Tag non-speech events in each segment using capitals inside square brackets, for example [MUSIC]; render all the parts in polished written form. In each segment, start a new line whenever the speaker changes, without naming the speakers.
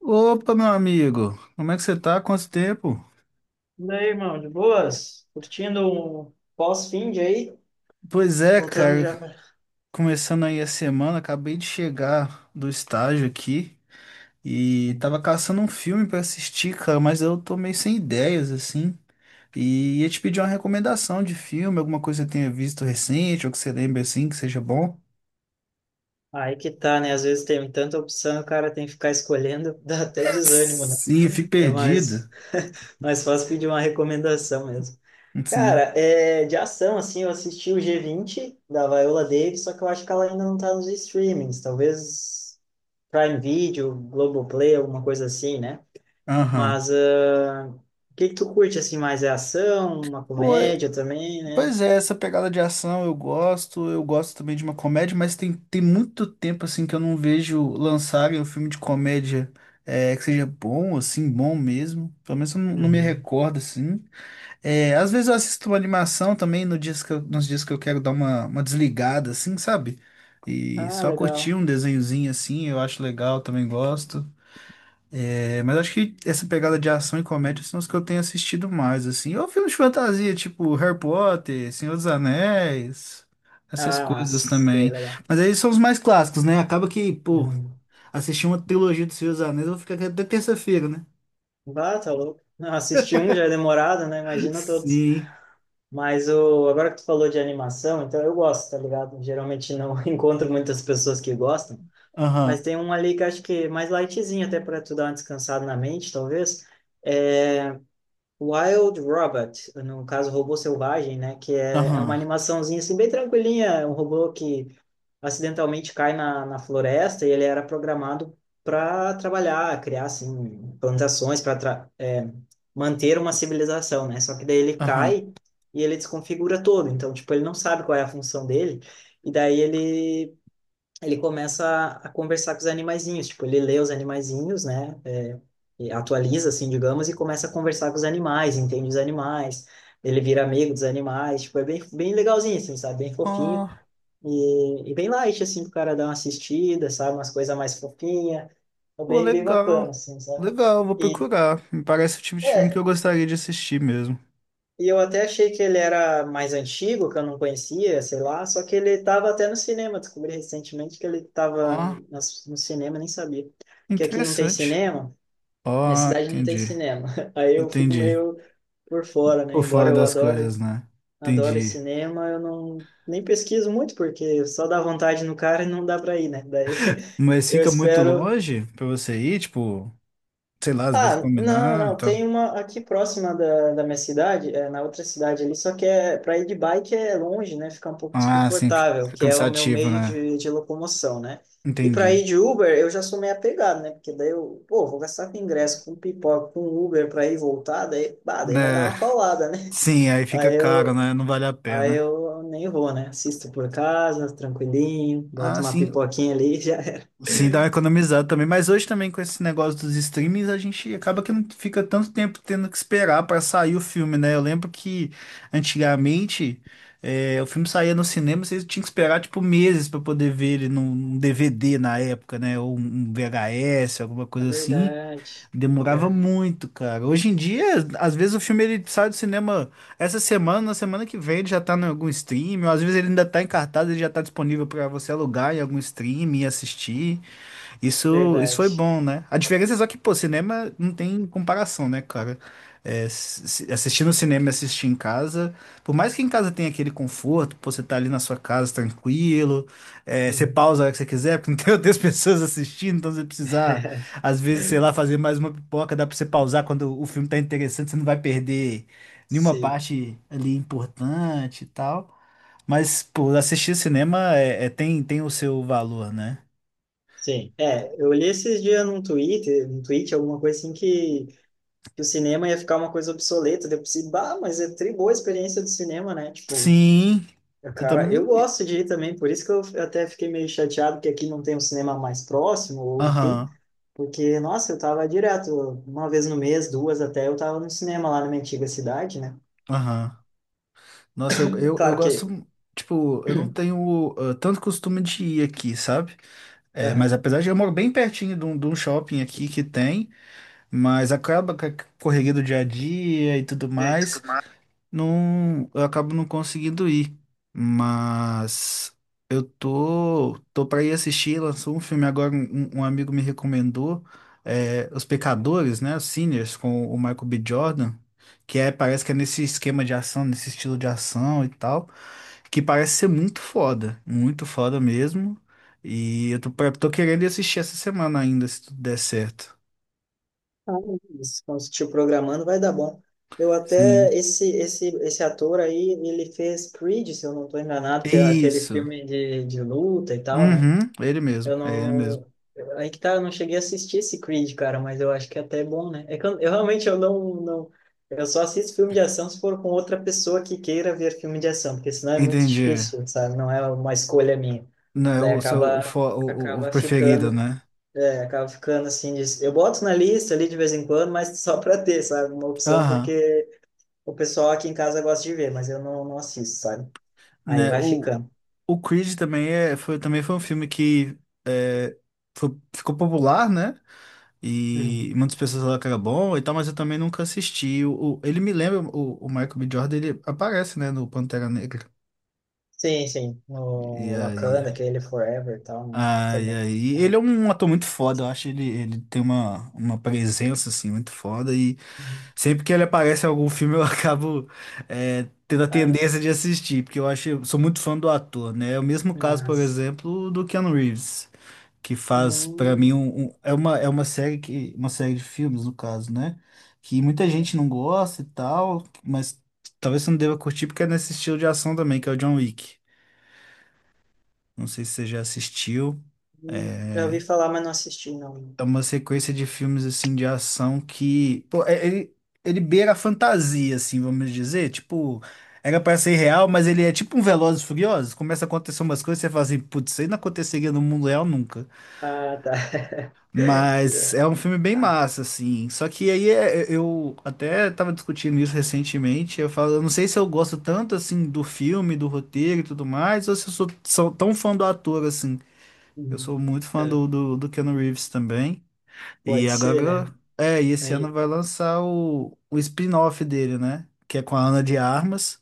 Opa, meu amigo, como é que você tá? Quanto tempo?
E aí, irmão, de boas? Curtindo um pós-finde aí?
Pois é,
Voltando
cara,
já
começando aí a semana, acabei de chegar do estágio aqui e tava caçando um filme pra assistir, cara, mas eu tô meio sem ideias, assim, e ia te pedir uma recomendação de filme, alguma coisa que você tenha visto recente ou que você lembre, assim, que seja bom.
Aí que tá, né? Às vezes tem tanta opção, o cara tem que ficar escolhendo, [LAUGHS] dá até
[LAUGHS]
desânimo, né?
Sim, eu fico
É mais,
perdido,
[LAUGHS] mais fácil pedir uma recomendação mesmo.
sim,
Cara, é, de ação, assim, eu assisti o G20 da Viola Davis, só que eu acho que ela ainda não tá nos streamings. Talvez Prime Video, Globoplay, alguma coisa assim, né?
aham.
Mas o que que tu curte, assim, mais é ação, uma
Pô,
comédia também, né?
Pois é, essa pegada de ação eu gosto também de uma comédia, mas tem muito tempo assim que eu não vejo lançarem um filme de comédia que seja bom, assim, bom mesmo. Pelo menos eu não me
Uhum.
recordo, assim. É, às vezes eu assisto uma animação também no nos dias que eu quero dar uma desligada, assim, sabe? E
Ah,
só curtir
legal.
um desenhozinho assim, eu acho legal, também gosto. É, mas acho que essa pegada de ação e comédia são os que eu tenho assistido mais, assim. Ou filmes de fantasia, tipo Harry Potter, Senhor dos Anéis, essas
Ah,
coisas
sei,
também.
legal.
Mas aí são os mais clássicos, né? Acaba que, pô,
Uhum.
assistir uma trilogia do Senhor dos Anéis, eu vou ficar aqui até terça-feira, né?
Bah, tá louco. Não, assistir um já é demorado, né?
[LAUGHS]
Imagina todos.
Sim.
Mas agora que tu falou de animação, então eu gosto, tá ligado? Geralmente não [LAUGHS] encontro muitas pessoas que gostam,
Aham,
mas tem um ali que acho que é mais lightzinho, até para tu dar uma descansada na mente, talvez. É Wild Robot, no caso, Robô Selvagem, né? Que é uma
aham,
animaçãozinha assim, bem tranquilinha, um robô que acidentalmente cai na floresta e ele era programado para trabalhar, criar assim plantações para manter uma civilização, né? Só que daí ele
aham.
cai e ele desconfigura todo, então tipo ele não sabe qual é a função dele e daí ele começa a conversar com os animaizinhos, tipo ele lê os animaizinhos, né? É, e atualiza assim, digamos, e começa a conversar com os animais, entende os animais. Ele vira amigo dos animais, tipo, é bem, bem legalzinho, assim, sabe? Bem fofinho.
Ah,
E bem light, assim, pro cara dar uma assistida, sabe? Umas coisas mais fofinhas. é
pô,
Bem, bem bacana,
legal.
assim, sabe?
Legal, vou
E,
procurar. Me parece o tipo de filme que
é,
eu gostaria de assistir mesmo.
e eu até achei que ele era mais antigo, que eu não conhecia, sei lá. Só que ele tava até no cinema. Descobri recentemente que ele tava
Ah,
no cinema, nem sabia. Que aqui não tem
interessante.
cinema. Minha
Ah,
cidade não tem
entendi.
cinema. [LAUGHS] Aí eu fico
Entendi.
meio por fora, né?
Por
Embora
fora
eu
das
adore,
coisas, né?
adore
Entendi.
cinema, eu não... Nem pesquiso muito, porque só dá vontade no cara e não dá para ir, né? Daí [LAUGHS]
Mas
eu
fica muito
espero
longe pra você ir, tipo, sei lá, às vezes
Ah, não,
combinar,
não,
tá?
tem uma aqui próxima da minha cidade, é, na outra cidade ali, só que é para ir de bike é longe, né? Fica um pouco
Ah, sim,
desconfortável, que é o meu
cansativo,
meio
né?
de locomoção, né? E para ir
Entendi.
de Uber, eu já sou meio apegado, né? Porque daí eu, pô, vou gastar com ingresso, com pipoca, com Uber para ir e voltar, daí, bah, daí vai dar
Né?
uma paulada, né? [LAUGHS]
Sim, aí fica
Aí
caro,
eu,
né? Não vale a
aí
pena.
eu nem vou, né? Assisto por casa, tranquilinho, boto
Ah,
uma
sim.
pipoquinha ali e já era.
Sim, dá uma economizada também, mas hoje também com esse negócio dos streamings a gente acaba que não fica tanto tempo tendo que esperar para sair o filme, né? Eu lembro que antigamente o filme saía no cinema, vocês tinham que esperar tipo meses para poder ver ele num DVD na época, né? Ou um VHS, alguma
É
coisa assim.
verdade.
Demorava
Pior.
muito, cara. Hoje em dia, às vezes o filme ele sai do cinema essa semana, na semana que vem ele já tá em algum stream, ou às vezes ele ainda tá em cartaz, ele já tá disponível para você alugar em algum stream e assistir. Isso foi
Verdade.
bom, né? A diferença é só que, pô, cinema não tem comparação, né, cara? É, assistir no cinema e assistir em casa, por mais que em casa tenha aquele conforto, pô, você tá ali na sua casa tranquilo, é, você
Uhum.
pausa a hora que você quiser, porque não tem [LAUGHS] outras pessoas assistindo, então você precisar,
[LAUGHS]
às vezes, sei lá, fazer mais uma pipoca, dá pra você pausar quando o filme tá interessante, você não vai perder nenhuma
Sim,
parte ali importante e tal. Mas, pô, assistir cinema tem o seu valor, né?
sim. É, eu li esses dias num Twitter, num tweet, alguma coisa assim, que o cinema ia ficar uma coisa obsoleta. Daí eu pensei, bah, mas é tri boa a experiência do cinema, né? Tipo,
Sim, eu
cara, eu
também.
gosto de ir também, por isso que eu até fiquei meio chateado que aqui não tem um cinema mais próximo, ou enfim,
Aham,
porque, nossa, eu tava direto, uma vez no mês, duas até, eu tava no cinema lá na minha antiga cidade, né?
aham. Nossa, eu
Claro
gosto.
que.
Tipo, eu não tenho ah, tanto costume de ir aqui, sabe? É, mas
Aham.
apesar de eu moro bem pertinho de um shopping aqui que tem, mas acaba com a correria do dia a dia e tudo mais. Não, eu acabo não conseguindo ir, mas eu tô para ir assistir. Lançou um filme agora, um amigo me recomendou, é, Os Pecadores, né? Os Sinners, com o Michael B. Jordan, que é, parece que é nesse esquema de ação, nesse estilo de ação e tal, que parece ser muito foda mesmo. E eu tô, tô querendo ir assistir essa semana ainda, se tudo der certo.
Ah, isso. Quando você estiver programando, vai dar bom. Eu até,
Sim.
esse ator aí, ele fez Creed, se eu não estou enganado, que é aquele
Isso.
filme de luta e tal, né?
Uhum, ele mesmo,
Eu
é ele mesmo.
não... Aí que tá, eu não cheguei a assistir esse Creed, cara, mas eu acho que é até bom, né? É que eu realmente, eu não, não... Eu só assisto filme de ação se for com outra pessoa que queira ver filme de ação, porque senão é muito
Entendi.
difícil, sabe? Não é uma escolha minha.
Não é
Daí
o seu
acaba,
o-
acaba
preferido,
ficando...
né?
É, acaba ficando assim. Eu boto na lista ali de vez em quando, mas só [LAUGHS] para ter, sabe? Uma opção,
Aham.
porque o pessoal aqui em casa gosta de ver, mas eu não assisto, sabe? Aí
Né,
vai ficando.
o Creed também, também foi um filme que é, ficou popular, né?
Uhum.
E muitas pessoas falaram que era bom e tal, mas eu também nunca assisti. Ele me lembra, o Michael B. Jordan, ele aparece, né, no Pantera Negra.
Sim, sim.
E
O
aí
Wakanda, aquele Forever e tal, né?
Ai,
Também.
ai.
Ah,
Ele é um ator muito foda, eu acho ele, ele tem uma presença, assim, muito foda e
uhum.
sempre que ele aparece em algum filme eu [LAUGHS] acabo tendo a
Ah,
tendência de assistir, porque eu acho, sou muito fã do ator, né? É o mesmo caso, por
mas.
exemplo, do Keanu Reeves, que faz, pra mim,
Hum,
é uma série que, uma série de filmes, no caso, né? Que muita gente não gosta e tal, mas talvez você não deva curtir porque é nesse estilo de ação também, que é o John Wick. Não sei se você já assistiu. É,
Já ouvi falar, mas não assisti, não.
é uma sequência de filmes assim de ação que, pô, ele, ele beira a fantasia, assim, vamos dizer, tipo, era pra ser real, mas ele é tipo um Velozes e Furiosos, começa a acontecer umas coisas, você fala assim, putz, isso aí não aconteceria no mundo real nunca.
Ah, tá. [LAUGHS]
Mas
É.
é um filme bem
Ah,
massa, assim. Só que aí eu até tava discutindo isso recentemente, eu falo, eu não sei se eu gosto tanto assim do filme, do roteiro e tudo mais, ou se eu sou tão fã do ator assim. Eu
uhum.
sou muito fã
É,
do Keanu Reeves também. E
pode ser,
agora,
né?
e esse ano
Aí,
vai lançar o spin-off dele, né? Que é com a Ana de Armas.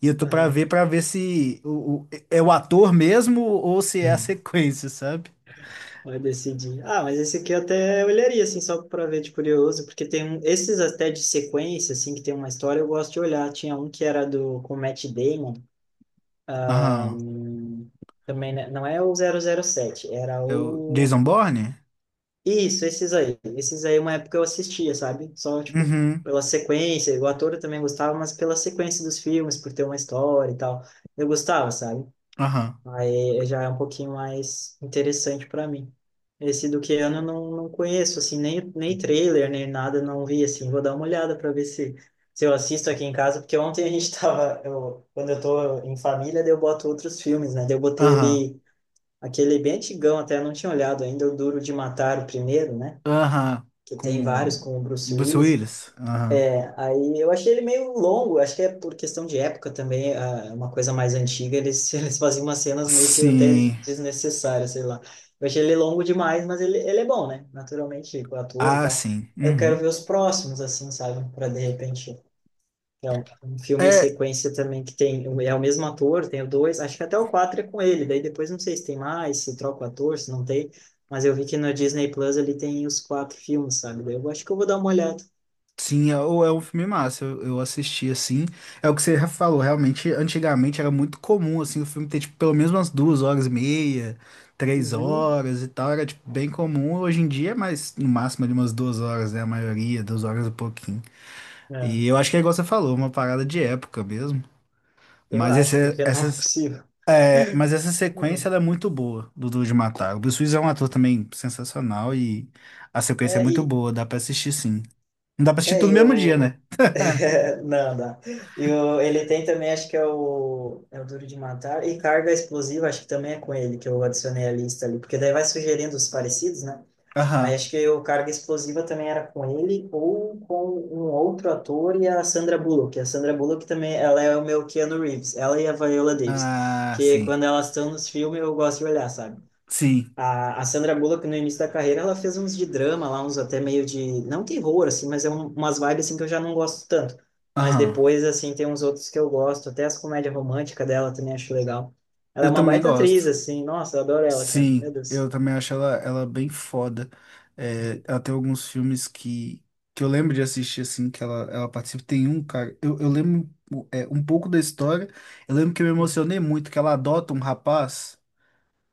E eu tô
aham.
pra ver se é o ator mesmo ou se é a sequência, sabe?
Vai decidir. Ah, mas esse aqui eu até olharia, assim, só pra ver de curioso, porque tem um, esses até de sequência, assim, que tem uma história, eu gosto de olhar. Tinha um que era do, com o Matt Damon,
Aham.
também, né? Não é o 007 era
É o
o...
Jason Bourne?
Isso, esses aí. Esses aí, uma época eu assistia, sabe? Só, tipo,
Uhum.
pela sequência, o ator eu também gostava, mas pela sequência dos filmes, por ter uma história e tal. Eu gostava, sabe?
Aham.
Aí já é um pouquinho mais interessante para mim. Esse do Keanu eu não conheço, assim, nem trailer, nem nada, não vi, assim. Vou dar uma olhada para ver se eu assisto aqui em casa, porque ontem a gente [LAUGHS] tava, eu, quando eu tô em família, daí eu boto outros filmes, né? Daí eu botei
Aham.
ali aquele bem antigão, até eu não tinha olhado ainda, o Duro de Matar, o primeiro, né?
Aham.
Que tem
Com
vários
o
com o Bruce
Bruce
Willis.
Willis? Aham.
Aí eu achei ele meio longo, acho que é por questão de época também, é uma coisa mais antiga, eles, [LAUGHS] eles faziam umas cenas meio que até
Sim.
desnecessárias, sei lá. Eu achei ele longo demais, mas ele é bom, né? Naturalmente, o ator e
Ah,
tal.
sim.
Eu quero
Uhum.
ver os próximos, assim, sabe? Para de repente. É um filme em
É,
sequência também que tem. É o mesmo ator, tem o dois, acho que até o quatro é com ele, daí depois não sei se tem mais, se troca o ator, se não tem. Mas eu vi que no Disney Plus ali tem os quatro filmes, sabe? Daí eu acho que eu vou dar uma olhada.
Sim, é, ou é um filme massa, eu assisti assim. É o que você falou, realmente, antigamente era muito comum assim o filme ter tipo, pelo menos umas 2 horas e meia, três
Uhum.
horas e tal, era tipo, bem comum. Hoje em dia é mais, no máximo, de umas 2 horas, né? A maioria, 2 horas e pouquinho. E
É.
eu acho que é igual você falou, uma parada de época mesmo.
Eu
Mas,
acho, porque não é possível.
mas
[LAUGHS]
essa sequência ela é muito boa do Duro de Matar. O Bruce Willis é um ator também sensacional e a sequência é
É,
muito
e,
boa, dá pra assistir sim. Não dá pra assistir
é,
tudo no
e
mesmo dia,
o...
né?
[LAUGHS] não, não. Ele tem também, acho que é o Duro de Matar, e Carga Explosiva, acho que também é com ele que eu adicionei a lista ali, porque daí vai sugerindo os parecidos, né? Aí
Aham.
acho que o Carga Explosiva também era com ele, ou com um outro ator e a Sandra Bullock. A Sandra Bullock também, ela é o meu Keanu Reeves, ela e a Viola Davis,
Ah,
que
sim.
quando elas estão nos filmes eu gosto de olhar, sabe?
Sim.
A Sandra Bullock, no início da carreira, ela fez uns de drama lá, uns até meio de... Não terror, assim, mas é umas vibes, assim, que eu já não gosto tanto. Mas
Aham.
depois, assim, tem uns outros que eu gosto. Até as comédias românticas dela também acho legal. Ela é
Eu
uma
também
baita atriz,
gosto.
assim. Nossa, eu adoro ela, cara. Meu
Sim,
Deus.
eu também acho ela bem foda. É, ela tem alguns filmes que eu lembro de assistir, assim, ela participa. Tem um, cara, eu lembro um pouco da história. Eu lembro que eu me emocionei muito, que ela adota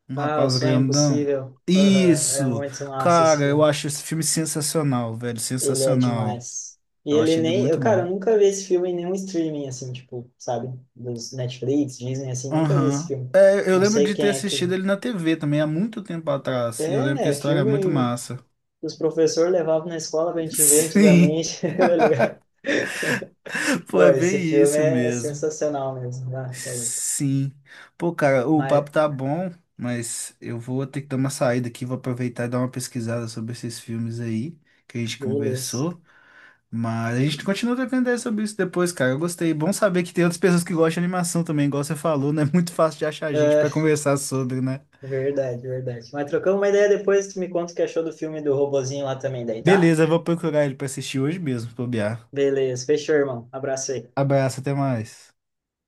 um
Ah, O
rapaz
Sonho
grandão.
Impossível. Aham, é
Isso!
muito massa esse
Cara, eu
filme.
acho esse filme sensacional, velho,
Ele é
sensacional.
demais. E
Eu
ele
achei ele
nem... Eu,
muito
cara,
bom.
eu nunca vi esse filme em nenhum streaming, assim, tipo, sabe? Dos Netflix, Disney, assim, nunca vi esse
Aham.
filme.
É, eu
Não
lembro
sei
de ter
quem é que...
assistido ele na TV também, há muito tempo atrás. E eu lembro que a
É
história é muito
filme
massa.
os professores levavam na escola pra
[LAUGHS]
gente ver
Sim,
antigamente, [LAUGHS] tá ligado?
pô,
Pô,
é
esse
bem
filme
isso
é
mesmo.
sensacional mesmo, né? Tá louco.
Sim. Pô, cara, o papo
Mas,
tá bom, mas eu vou ter que dar uma saída aqui, vou aproveitar e dar uma pesquisada sobre esses filmes aí que a gente
beleza.
conversou. Mas a gente continua trocando ideia sobre isso depois, cara. Eu gostei. Bom saber que tem outras pessoas que gostam de animação também, igual você falou, não é [LAUGHS] muito fácil de achar gente
É,
pra conversar sobre, né?
verdade, verdade. Mas trocamos uma ideia depois, tu me conta o que achou do filme do robozinho lá também, daí, tá?
Beleza, eu vou procurar ele pra assistir hoje mesmo, se bobear.
Beleza, fechou, irmão. Abraço aí.
Abraço, até mais.